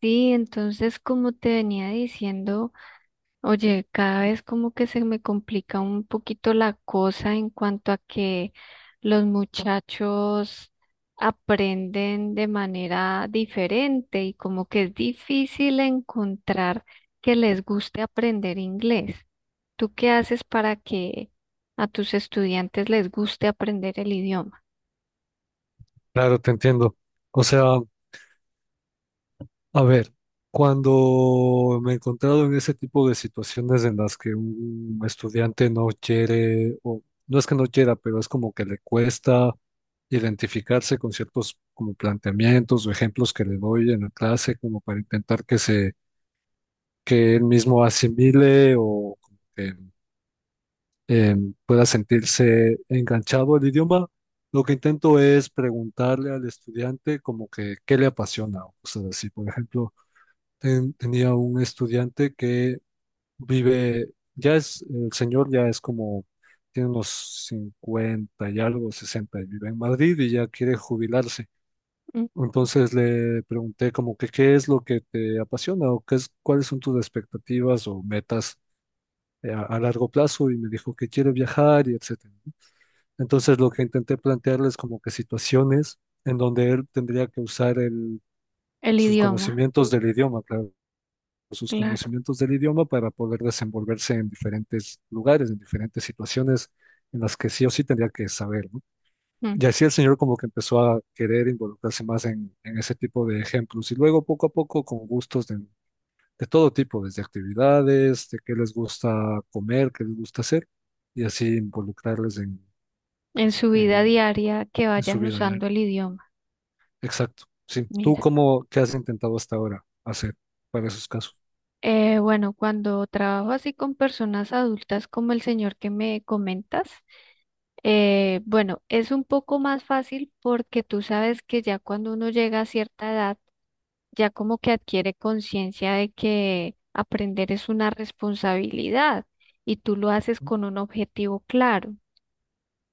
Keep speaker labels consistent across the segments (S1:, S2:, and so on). S1: Sí, entonces como te venía diciendo, oye, cada vez como que se me complica un poquito la cosa en cuanto a que los muchachos aprenden de manera diferente y como que es difícil encontrar que les guste aprender inglés. ¿Tú qué haces para que a tus estudiantes les guste aprender el idioma?
S2: Claro, te entiendo. O sea, a ver, cuando me he encontrado en ese tipo de situaciones en las que un estudiante no quiere, o no es que no quiera, pero es como que le cuesta identificarse con ciertos como planteamientos o ejemplos que le doy en la clase, como para intentar que se, que él mismo asimile o como que eh, pueda sentirse enganchado al idioma. Lo que intento es preguntarle al estudiante como que qué le apasiona o cosas así. Por ejemplo, tenía un estudiante que vive, ya es, el señor ya es como, tiene unos 50 y algo, 60, y vive en Madrid y ya quiere jubilarse.
S1: Mm.
S2: Entonces le pregunté como que qué es lo que te apasiona o qué es, cuáles son tus expectativas o metas a largo plazo y me dijo que quiere viajar y etcétera. Entonces lo que intenté plantearles como que situaciones en donde él tendría que usar
S1: El
S2: sus
S1: idioma,
S2: conocimientos del idioma, claro, sus
S1: claro.
S2: conocimientos del idioma para poder desenvolverse en diferentes lugares, en diferentes situaciones en las que sí o sí tendría que saber, ¿no?
S1: Mm.
S2: Y así el señor como que empezó a querer involucrarse más en ese tipo de ejemplos y luego poco a poco con gustos de todo tipo, desde actividades, de qué les gusta comer, qué les gusta hacer y así involucrarles
S1: En su vida
S2: en
S1: diaria que
S2: en su
S1: vayan
S2: vida diaria.
S1: usando el idioma.
S2: Exacto. Sí. ¿Tú
S1: Mira,
S2: cómo, qué has intentado hasta ahora hacer para esos casos?
S1: bueno, cuando trabajo así con personas adultas como el señor que me comentas, bueno, es un poco más fácil porque tú sabes que ya cuando uno llega a cierta edad, ya como que adquiere conciencia de que aprender es una responsabilidad y tú lo haces con un objetivo claro.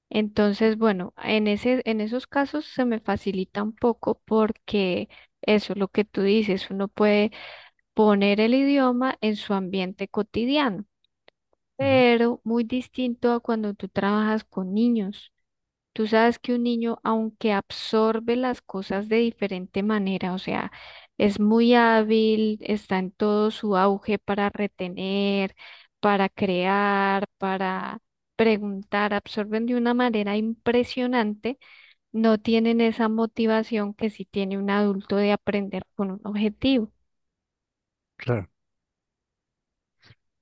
S1: Entonces, bueno, en esos casos se me facilita un poco porque eso, lo que tú dices, uno puede poner el idioma en su ambiente cotidiano,
S2: Ujú.
S1: pero muy distinto a cuando tú trabajas con niños. Tú sabes que un niño, aunque absorbe las cosas de diferente manera, o sea, es muy hábil, está en todo su auge para retener, para crear, para preguntar, absorben de una manera impresionante, no tienen esa motivación que sí tiene un adulto de aprender con un objetivo.
S2: Claro,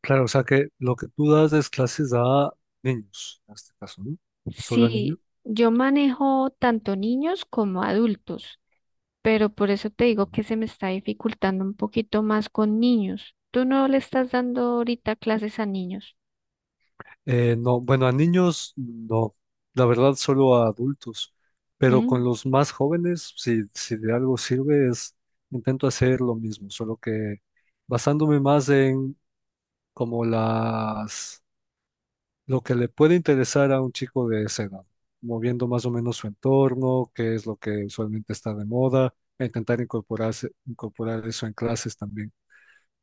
S2: claro, o sea que lo que tú das es clases a niños, en este caso, ¿no? Solo a niños.
S1: Sí, yo manejo tanto niños como adultos, pero por eso te digo
S2: Ujú.
S1: que se me está dificultando un poquito más con niños. ¿Tú no le estás dando ahorita clases a niños?
S2: No, bueno, a niños no, la verdad solo a adultos, pero
S1: Mm,
S2: con los más jóvenes, si de algo sirve, es intento hacer lo mismo, solo que basándome más en como las lo que le puede interesar a un chico de esa edad, moviendo más o menos su entorno, qué es lo que usualmente está de moda, e intentar incorporarse, incorporar eso en clases también.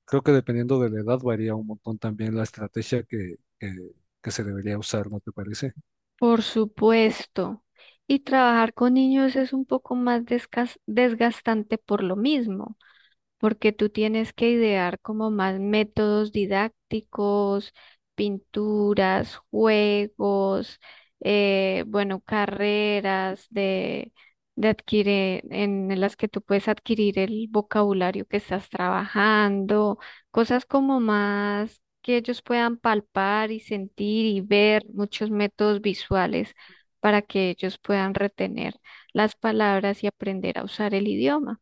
S2: Creo que dependiendo de la edad varía un montón también la estrategia que se debería usar, ¿no te parece?
S1: por supuesto. Y trabajar con niños es un poco más desgastante por lo mismo, porque tú tienes que idear como más métodos didácticos, pinturas, juegos, bueno, carreras de adquirir, en las que tú puedes adquirir el vocabulario que estás trabajando, cosas como más que ellos puedan palpar y sentir y ver muchos métodos visuales para que ellos puedan retener las palabras y aprender a usar el idioma.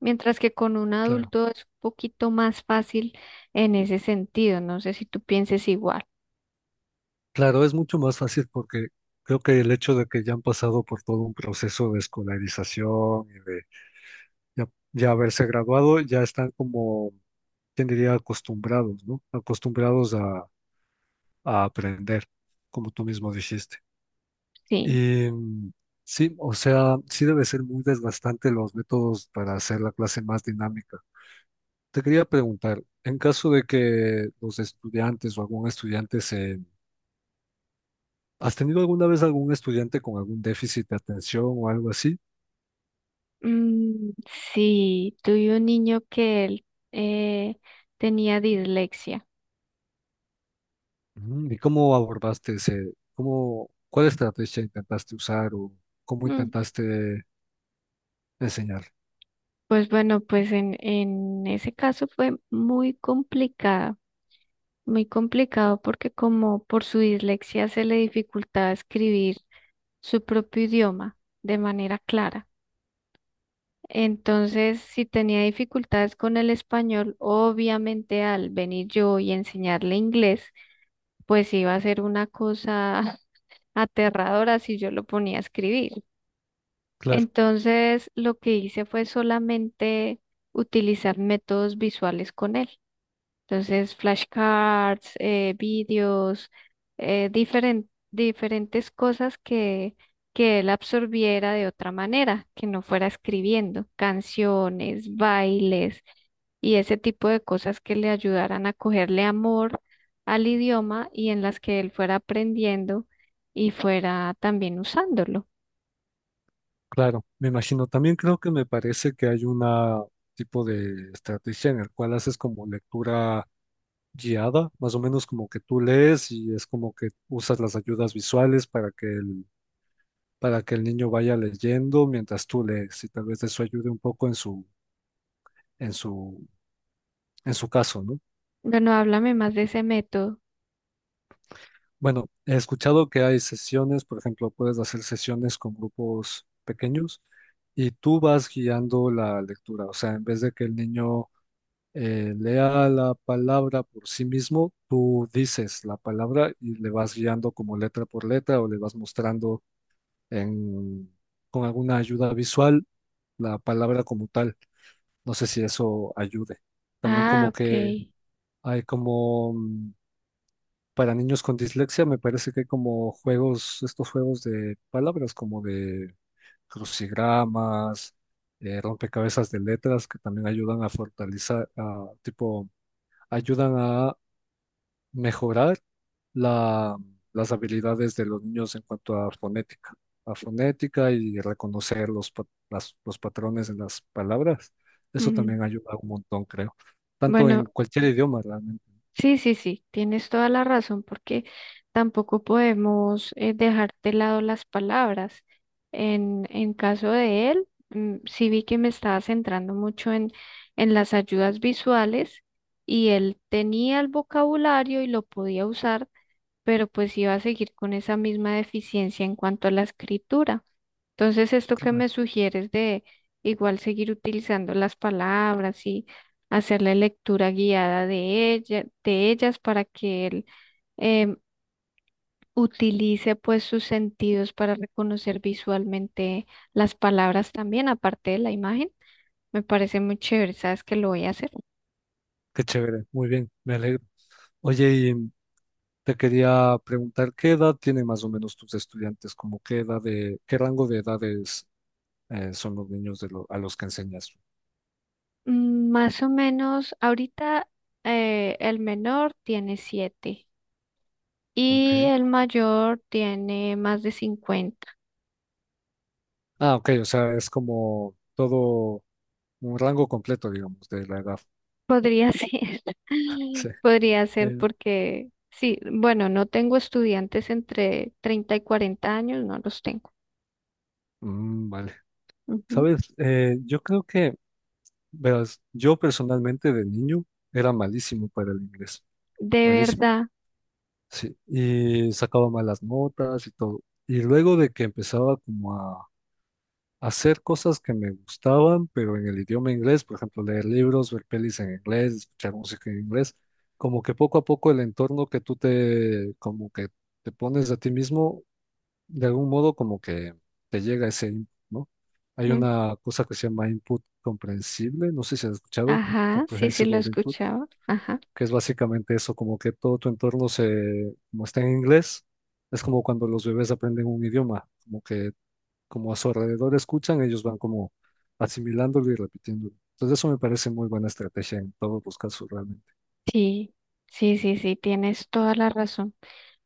S1: Mientras que con un
S2: Claro.
S1: adulto es un poquito más fácil en ese sentido. No sé si tú pienses igual.
S2: Claro, es mucho más fácil porque creo que el hecho de que ya han pasado por todo un proceso de escolarización y de ya, ya haberse graduado, ya están como, ¿quién diría?, acostumbrados, ¿no? Acostumbrados a aprender, como tú mismo dijiste.
S1: Sí.
S2: Y mm, sí, o sea, sí debe ser muy desgastante los métodos para hacer la clase más dinámica. Te quería preguntar, en caso de que los estudiantes o algún estudiante se. ¿Has tenido alguna vez algún estudiante con algún déficit de atención o algo así?
S1: Mm, sí, tuve un niño que él eh, tenía dislexia.
S2: Ujú. ¿Y cómo abordaste ese, cómo, cuál estrategia intentaste usar o cómo
S1: Mm.
S2: intentaste enseñar?
S1: Pues bueno, pues en ese caso fue muy complicado porque como por su dislexia se le dificultaba escribir su propio idioma de manera clara. Entonces, si tenía dificultades con el español, obviamente al venir yo y enseñarle inglés, pues iba a ser una cosa aterradora si yo lo ponía a escribir.
S2: Claro.
S1: Entonces, lo que hice fue solamente utilizar métodos visuales con él. Entonces, flashcards, vídeos, diferentes cosas que, él absorbiera de otra manera, que no fuera escribiendo, canciones, bailes y ese tipo de cosas que le ayudaran a cogerle amor al idioma y en las que él fuera aprendiendo y fuera también usándolo.
S2: Claro, me imagino. También creo que me parece que hay una tipo de estrategia en el cual haces como lectura guiada, más o menos como que tú lees y es como que usas las ayudas visuales para que el niño vaya leyendo mientras tú lees y tal vez eso ayude un poco en su, en su caso, ¿no?
S1: Bueno, háblame más de ese método.
S2: Bueno, he escuchado que hay sesiones, por ejemplo, puedes hacer sesiones con grupos pequeños y tú vas guiando la lectura, o sea, en vez de que el niño lea la palabra por sí mismo, tú dices la palabra y le vas guiando como letra por letra o le vas mostrando en- con alguna ayuda visual la palabra como tal. No sé si eso ayude. También
S1: Ah,
S2: como que
S1: ok.
S2: hay como para niños con dislexia, me parece que hay como juegos, estos juegos de palabras como de crucigramas. Rompecabezas de letras que también ayudan a fortalecer, a, tipo, ayudan a mejorar la- las habilidades de los niños en cuanto a fonética y reconocer los patrones en las palabras. Eso
S1: Ujú.
S2: también ayuda un montón, creo. Tanto
S1: Bueno.
S2: en cualquier idioma, realmente.
S1: Sí, sí, sí, tienes toda la razón porque tampoco podemos dejar de lado las palabras. En caso de él, mm, sí vi que me estaba centrando mucho en las ayudas visuales y él tenía el vocabulario y lo podía usar, pero pues iba a seguir con esa misma deficiencia en cuanto a la escritura. Entonces, esto que
S2: Claro.
S1: me sugieres de igual seguir utilizando las palabras y hacer la lectura guiada de ellas para que él em, utilice pues sus sentidos para reconocer visualmente las palabras también, aparte de la imagen, me parece muy chévere, sabes que lo voy a hacer.
S2: Qué chévere, muy bien, me alegro. Oye, y te quería preguntar, ¿qué edad tienen más o menos tus estudiantes? ¿Como qué edad de, qué rango de edades son los niños de a los que enseñas?
S1: Mm. Más o menos, ahorita el menor tiene 7
S2: Ok.
S1: y el mayor tiene más de 50.
S2: Ah, ok, o sea, es como todo un rango completo, digamos, de la edad.
S1: Podría ser,
S2: Sí.
S1: podría ser
S2: Eh,
S1: porque, sí, bueno, no tengo estudiantes entre 30 y 40 años, no los tengo.
S2: vale.
S1: Ujú.
S2: Sabes, yo creo que, verás, yo personalmente de niño era malísimo para el inglés,
S1: De
S2: malísimo,
S1: verdad.
S2: sí, y sacaba malas notas y todo. Y luego de que empezaba como a hacer cosas que me gustaban, pero en el idioma inglés, por ejemplo, leer libros, ver pelis en inglés, escuchar música en inglés, como que poco a poco el entorno que tú te, como que te pones a ti mismo de algún modo como que te llega ese input, ¿no? Hay
S1: Mm,
S2: una cosa que se llama input comprensible, no sé si has escuchado,
S1: ajá, sí, sí
S2: comprehensible
S1: lo
S2: input,
S1: escuchaba. Ajá.
S2: que es básicamente eso, como que todo tu entorno se, como está en inglés, es como cuando los bebés aprenden un idioma, como que como a su alrededor escuchan, ellos van como asimilándolo y repitiéndolo. Entonces eso me parece muy buena estrategia en todos los casos realmente.
S1: Sí, sí, sí, sí, tienes toda la razón.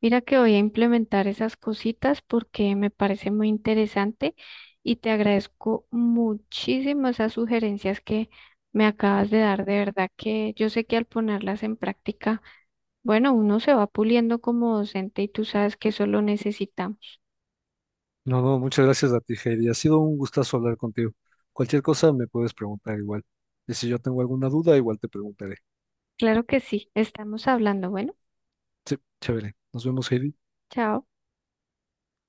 S1: Mira que voy a implementar esas cositas porque me parece muy interesante y te agradezco muchísimo esas sugerencias que me acabas de dar. De verdad que yo sé que al ponerlas en práctica, bueno, uno se va puliendo como docente y tú sabes que eso lo necesitamos.
S2: No, no, muchas gracias a ti, Heidi. Ha sido un gustazo hablar contigo. Cualquier cosa me puedes preguntar igual. Y si yo tengo alguna duda, igual te preguntaré.
S1: Claro que sí, estamos hablando. Bueno,
S2: Sí, chévere. Nos vemos, Heidi.
S1: chao.